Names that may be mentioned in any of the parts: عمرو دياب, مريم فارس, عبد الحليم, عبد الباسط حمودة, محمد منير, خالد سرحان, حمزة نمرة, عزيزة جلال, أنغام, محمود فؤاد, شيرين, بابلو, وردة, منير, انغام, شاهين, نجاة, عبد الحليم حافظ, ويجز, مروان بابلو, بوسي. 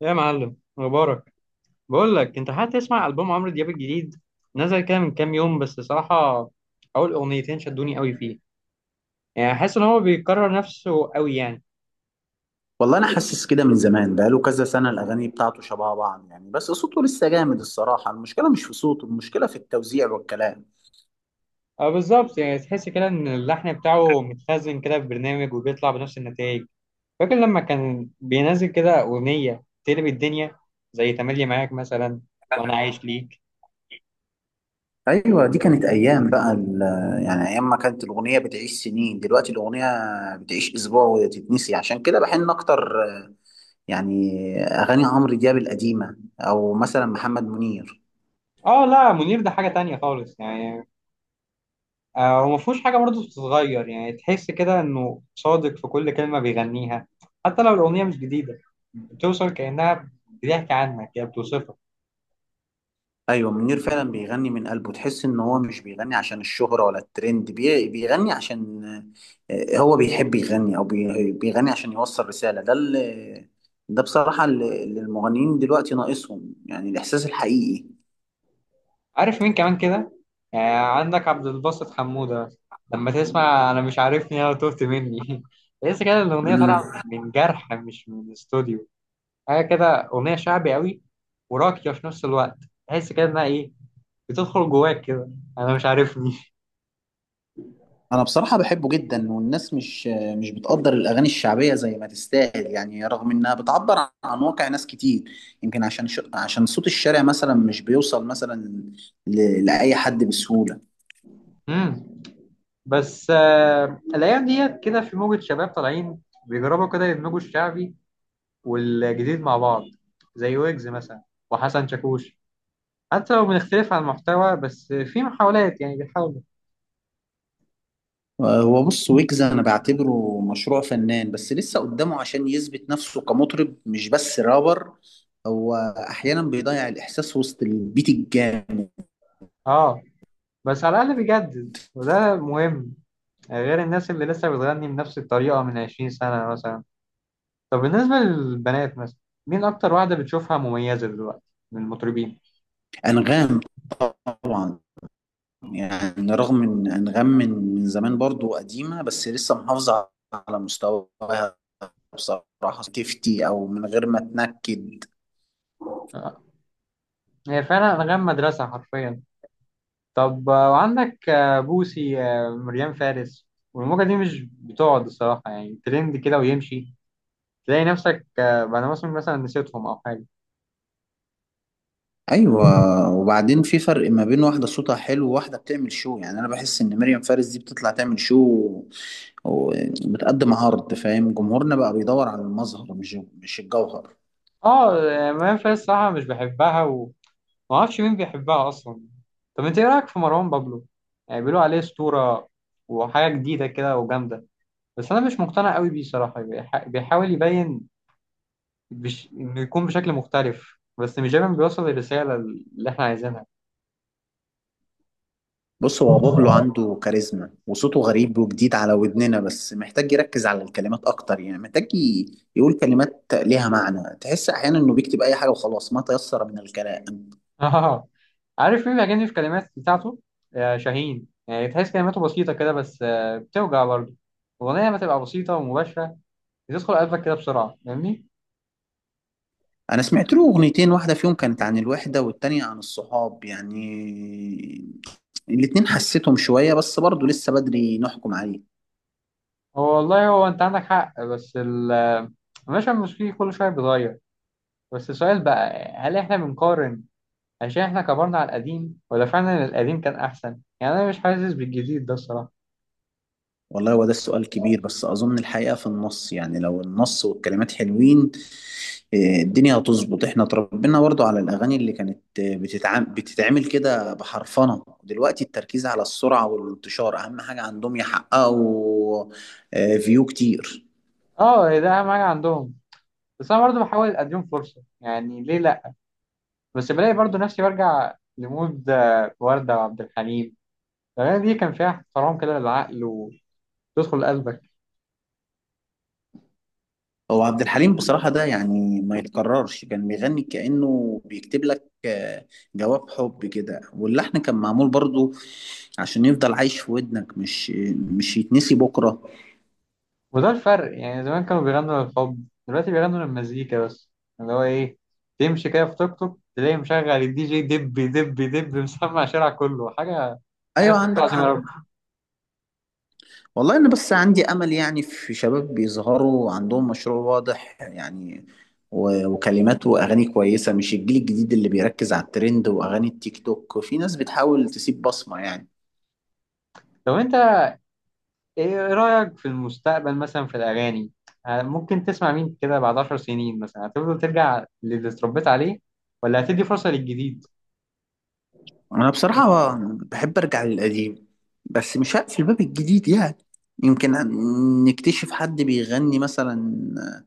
يا معلم مبارك، بقول لك انت هتسمع البوم عمرو دياب الجديد. نزل كده من كام يوم، بس صراحه اول اغنيتين شدوني قوي فيه. يعني حاسس ان هو بيكرر نفسه قوي يعني. والله انا حاسس كده من زمان بقاله كذا سنه، الاغاني بتاعته شبه بعض يعني، بس صوته لسه جامد الصراحه. المشكله مش في صوته، المشكله في التوزيع والكلام. اه بالظبط، يعني تحس كده ان اللحن بتاعه متخزن كده في برنامج وبيطلع بنفس النتائج. فاكر لما كان بينزل كده اغنيه تقلب الدنيا؟ زي تملي معاك مثلا، وانا عايش ليك. ايوه دي كانت ايام. بقى يعني ايام ما كانت الاغنيه بتعيش سنين، دلوقتي الاغنيه بتعيش اسبوع وتتنسي، عشان كده بحن اكتر. يعني اغاني عمرو دياب القديمه او مثلا محمد منير. اه لا، منير ده حاجه تانية خالص يعني. هو ما فيهوش حاجة برضه بتتغير، يعني تحس كده إنه صادق في كل كلمة بيغنيها، حتى لو الأغنية مش جديدة. بتوصل كأنها بتحكي عنك، يعني بتوصفك. ايوه منير فعلا بيغني من قلبه، تحس ان هو مش بيغني عشان الشهرة ولا الترند، بيغني عشان هو بيحب يغني، او بيغني عشان يوصل رسالة. ده بصراحة اللي المغنيين دلوقتي ناقصهم، يعني الاحساس الحقيقي. عارف مين كمان كده؟ عندك عبد الباسط حمودة. لما تسمع أنا مش عارفني، أنا تهت مني تحس كده إن الأغنية طالعة مم. من جرح، مش من استوديو. حاجة كده. أغنية شعبي قوي، وراقية في نفس الوقت. تحس كده إنها إيه؟ بتدخل جواك كده. أنا مش عارفني انا بصراحة بحبه جدا، والناس مش بتقدر الاغاني الشعبية زي ما تستاهل، يعني رغم انها بتعبر عن واقع ناس كتير. يمكن عشان عشان صوت الشارع مثلا مش بيوصل مثلا لأي حد بسهولة. مم. بس الايام ديت كده في موجة شباب طالعين بيجربوا كده يدمجوا الشعبي والجديد مع بعض، زي ويجز مثلا، وحسن شاكوش. حتى لو بنختلف عن المحتوى، بس في محاولات يعني بيحاولوا. هو بص، ويجز انا بعتبره مشروع فنان، بس لسه قدامه عشان يثبت نفسه كمطرب مش بس رابر. هو احيانا بيضيع الاحساس وسط البيت الجامد. اه، بس على الاقل بيجدد وده مهم. غير الناس اللي لسه بتغني بنفس الطريقة من 20 سنة مثلا. طب بالنسبة للبنات مثلا، مين أكتر واحدة بتشوفها مميزة دلوقتي من المطربين؟ انغام طبعا. يعني رغم ان انغام من زمان برضو قديمه، بس لسه محافظه على مستواها بصراحه، تفتي او من غير ما تنكد. آه، هي فعلا أنغام مدرسة حرفيا. طب، وعندك بوسي، مريم فارس. والموجة دي مش بتقعد الصراحة، يعني ترند كده ويمشي. تلاقي نفسك بعد موسم مثلا نسيتهم أو حاجة. ايوه، وبعدين في فرق ما بين واحده صوتها حلو وواحده بتعمل شو. يعني انا بحس ان مريم فارس دي بتطلع تعمل شو وبتقدم عرض. فاهم؟ جمهورنا بقى بيدور على المظهر، مش الجوهر. اه، مريم فارس صراحة مش بحبها، ومعرفش مين بيحبها أصلا. طب انت ايه رأيك في مروان بابلو؟ يعني بيقولوا عليه أسطورة وحاجة جديدة كده وجامدة. بس أنا مش مقتنع قوي بيه صراحة، بيحاول يبين، إنه يكون بشكل مختلف، بس مش دايما بيوصل الرسالة اللي احنا عايزينها. بص، هو بابلو عنده كاريزما وصوته غريب وجديد على ودننا، بس محتاج يركز على الكلمات اكتر. يعني محتاج يقول كلمات ليها معنى. تحس احيانا انه بيكتب اي حاجه وخلاص، ما تيسر من الكلام. اه، عارف مين بيعجبني في الكلمات بتاعته؟ آه شاهين. يعني تحس كلماته بسيطة كده، بس آه بتوجع برضه. الأغنية لما تبقى بسيطة ومباشرة بتدخل قلبك كده بسرعة، فاهمني؟ انا سمعت له اغنيتين، واحده فيهم كانت عن الوحده والتانية عن الصحاب. يعني الاتنين حسيتهم شويه، بس برضه لسه بدري نحكم عليه. هو والله هو أنت عندك حق، بس المشهد الموسيقي كل شوية بيتغير. بس السؤال بقى، هل إحنا بنقارن عشان إحنا كبرنا على القديم، ولا فعلا القديم كان أحسن؟ يعني أنا مش حاسس بالجديد ده الصراحة. والله هو ده السؤال كبير، بس أظن الحقيقة في النص. يعني لو النص والكلمات حلوين، الدنيا هتظبط. احنا اتربينا برضو على الأغاني اللي كانت آه، بتتعام بتتعمل كده بحرفنة. دلوقتي التركيز على السرعة والانتشار أهم حاجة عندهم يحققوا فيو كتير. اه ده أهم حاجة عندهم. بس أنا برضه بحاول أديهم فرصة، يعني ليه لأ. بس بلاقي برضو نفسي برجع لمود وردة وعبد الحليم. الأغاني دي كان فيها احترام كده للعقل، وتدخل قلبك. هو عبد الحليم بصراحة ده يعني ما يتكررش. كان بيغني كأنه بيكتب لك جواب حب كده، واللحن كان معمول برضو عشان يفضل عايش في ودنك، مش يتنسي بكرة. وده الفرق، يعني زمان كانوا بيغنوا للحب، دلوقتي بيغنوا للمزيكا بس، اللي هو إيه، تمشي كده في توك توك تلاقي مشغل الدي جي دب دب دب مسمع الشارع كله حاجة ايوه استغفر الله عندك العظيم يا حق. رب. والله انا بس عندي امل يعني في شباب بيظهروا عندهم مشروع واضح، يعني وكلمات واغاني كويسه، مش الجيل الجديد اللي بيركز على الترند واغاني التيك توك. في ناس بتحاول تسيب بصمه يعني. طب أنت إيه رأيك في المستقبل مثلا في الأغاني؟ ممكن تسمع مين كده بعد 10 سنين مثلا؟ هتفضل ترجع للي اتربيت عليه، ولا هتدي فرصة للجديد؟ انا بصراحه بحب ارجع للقديم، بس مش هقفل باب الجديد. يعني يمكن نكتشف حد بيغني مثلا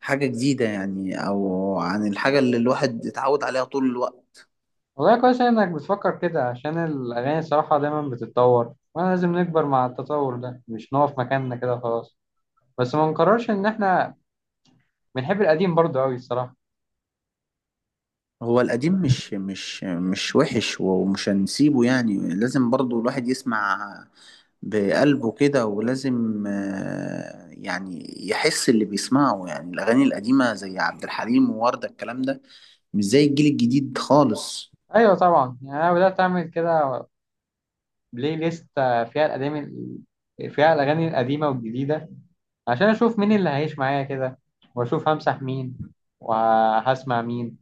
حاجه جديده، يعني او عن الحاجه اللي الواحد اتعود عليها طول الوقت. والله كويس إنك بتفكر كده، عشان الأغاني الصراحة دايما بتتطور، وأنا لازم نكبر مع التطور ده، مش نقف مكاننا كده خلاص. بس ما نقررش إن إحنا بنحب القديم برضه أوي الصراحة. هو القديم مش وحش ومش هنسيبه. يعني لازم برضو الواحد يسمع بقلبه كده، ولازم يعني يحس اللي بيسمعه. يعني الأغاني القديمة زي عبد الحليم ووردة، الكلام ده مش زي الجيل الجديد خالص. أيوة طبعا، يعني أنا بدأت أعمل كده بلاي ليست فيها الأغاني، فيها الأغاني القديمة والجديدة، عشان أشوف مين اللي هيعيش معايا كده، وأشوف همسح مين وهسمع مين.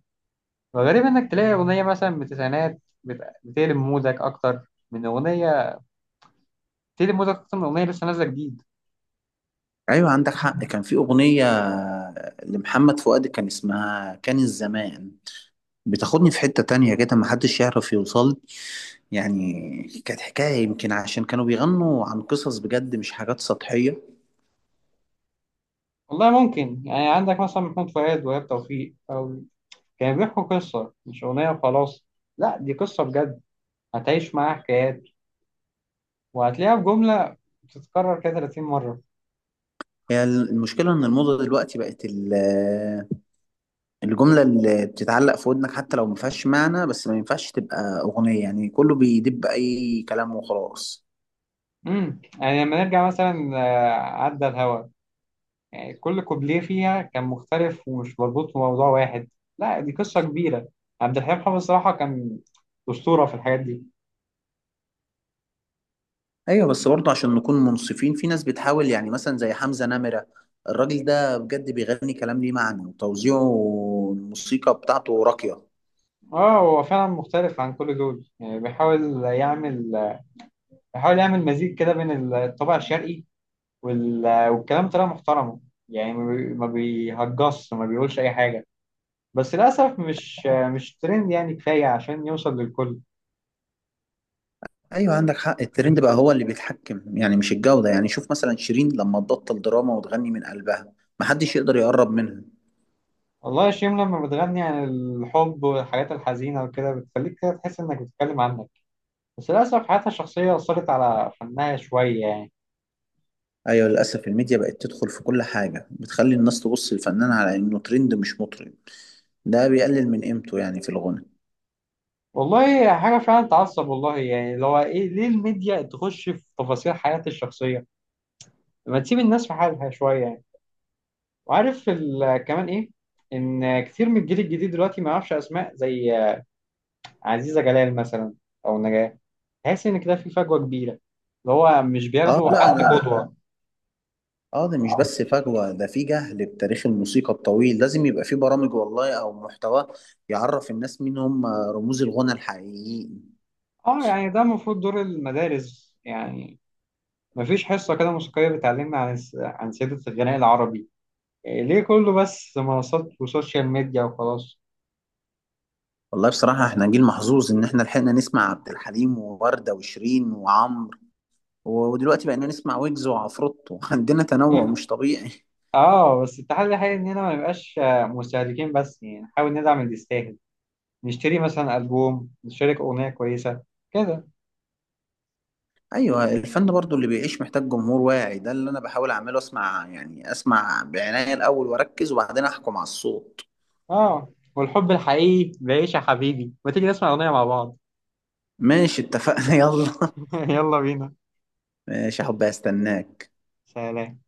وغريب إنك تلاقي أغنية مثلا من التسعينات بتقلب مودك أكتر من أغنية، بتقلب مودك أكتر من أغنية لسه نازلة جديد. أيوة عندك حق. كان في أغنية لمحمد فؤاد كان اسمها كان الزمان، بتاخدني في حتة تانية كده محدش يعرف يوصل. يعني كانت حكاية، يمكن عشان كانوا بيغنوا عن قصص بجد، مش حاجات سطحية. والله ممكن، يعني عندك مثلا محمود فؤاد وإيهاب توفيق، أو كانوا بيحكوا قصة مش أغنية وخلاص. لا دي قصة بجد، هتعيش معاها حكايات، وهتلاقيها في جملة بتتكرر كده 30 مرة. هي المشكلة إن الموضة دلوقتي بقت الجملة اللي بتتعلق في ودنك حتى لو ما فيهاش معنى. بس ما ينفعش تبقى أغنية. يعني كله بيدب أي كلام وخلاص. يعني لما نرجع مثلا عدى الهوا، يعني كل كوبليه فيها كان مختلف، ومش مربوط بموضوع واحد. لا دي قصة كبيرة. عبد الحليم حافظ الصراحة كان أسطورة في الحاجات دي. أيوة بس برضه عشان نكون منصفين، في ناس بتحاول يعني مثلا زي حمزة نمرة. الراجل ده بجد بيغني كلام ليه معنى، وتوزيعه الموسيقى بتاعته راقية. اه هو فعلا مختلف عن كل دول، يعني بيحاول يعمل بيحاول يعمل مزيج كده بين الطابع الشرقي والكلام طلع محترمه، يعني ما بيهجصش، ما بيقولش اي حاجه. بس للاسف مش ترند يعني كفايه عشان يوصل للكل. ايوه عندك حق. الترند بقى هو اللي بيتحكم، يعني مش الجودة. يعني شوف مثلا شيرين لما تبطل دراما وتغني من قلبها، محدش يقدر يقرب منها. والله يا شيم، لما بتغني عن الحب والحاجات الحزينه وكده، بتخليك كده تحس انك بتتكلم عنك. بس للاسف حياتها الشخصيه اثرت على فنها شويه يعني. ايوه للاسف الميديا بقت تدخل في كل حاجة، بتخلي الناس تبص للفنان على انه ترند مش مطرب. ده بيقلل من قيمته يعني في الغنى. والله حاجه فعلا تعصب، والله يعني لو ايه، ليه الميديا تخش في تفاصيل حياتي الشخصيه؟ لما تسيب الناس في حالها شويه يعني. وعارف كمان ايه؟ ان كتير من الجيل الجديد دلوقتي ما يعرفش اسماء زي عزيزة جلال مثلا، او نجاة. تحس ان كده في فجوة كبيرة، اللي هو مش اه بياخدوا لا. حد قدوة. ده مش بس فجوة، ده في جهل بتاريخ الموسيقى الطويل. لازم يبقى في برامج والله او محتوى يعرف الناس مين هم رموز الغنى الحقيقيين. اه يعني ده المفروض دور المدارس يعني. مفيش حصة كده موسيقية بتعلمنا عن عن سيرة الغناء العربي؟ إيه ليه كله بس منصات وسوشيال ميديا وخلاص؟ والله بصراحة احنا جيل محظوظ ان احنا لحقنا نسمع عبد الحليم ووردة وشيرين وعمرو، ودلوقتي بقينا نسمع ويجز وعفروتو عندنا تنوع مش طبيعي. اه بس التحدي الحقيقي اننا ما نبقاش مستهلكين بس، يعني نحاول ندعم اللي يستاهل. نشتري مثلا ألبوم، نشارك أغنية كويسة كده. ايوه، الفن برضو اللي بيعيش محتاج جمهور واعي. ده اللي انا بحاول اعمله، اسمع يعني اسمع بعناية الاول واركز، وبعدين احكم على الصوت. اه والحب الحقيقي بعيش يا حبيبي، ما تيجي نسمع أغنية مع بعض؟ ماشي اتفقنا يلا. يلا بينا. ماشي يا حبي، هستناك. سلام.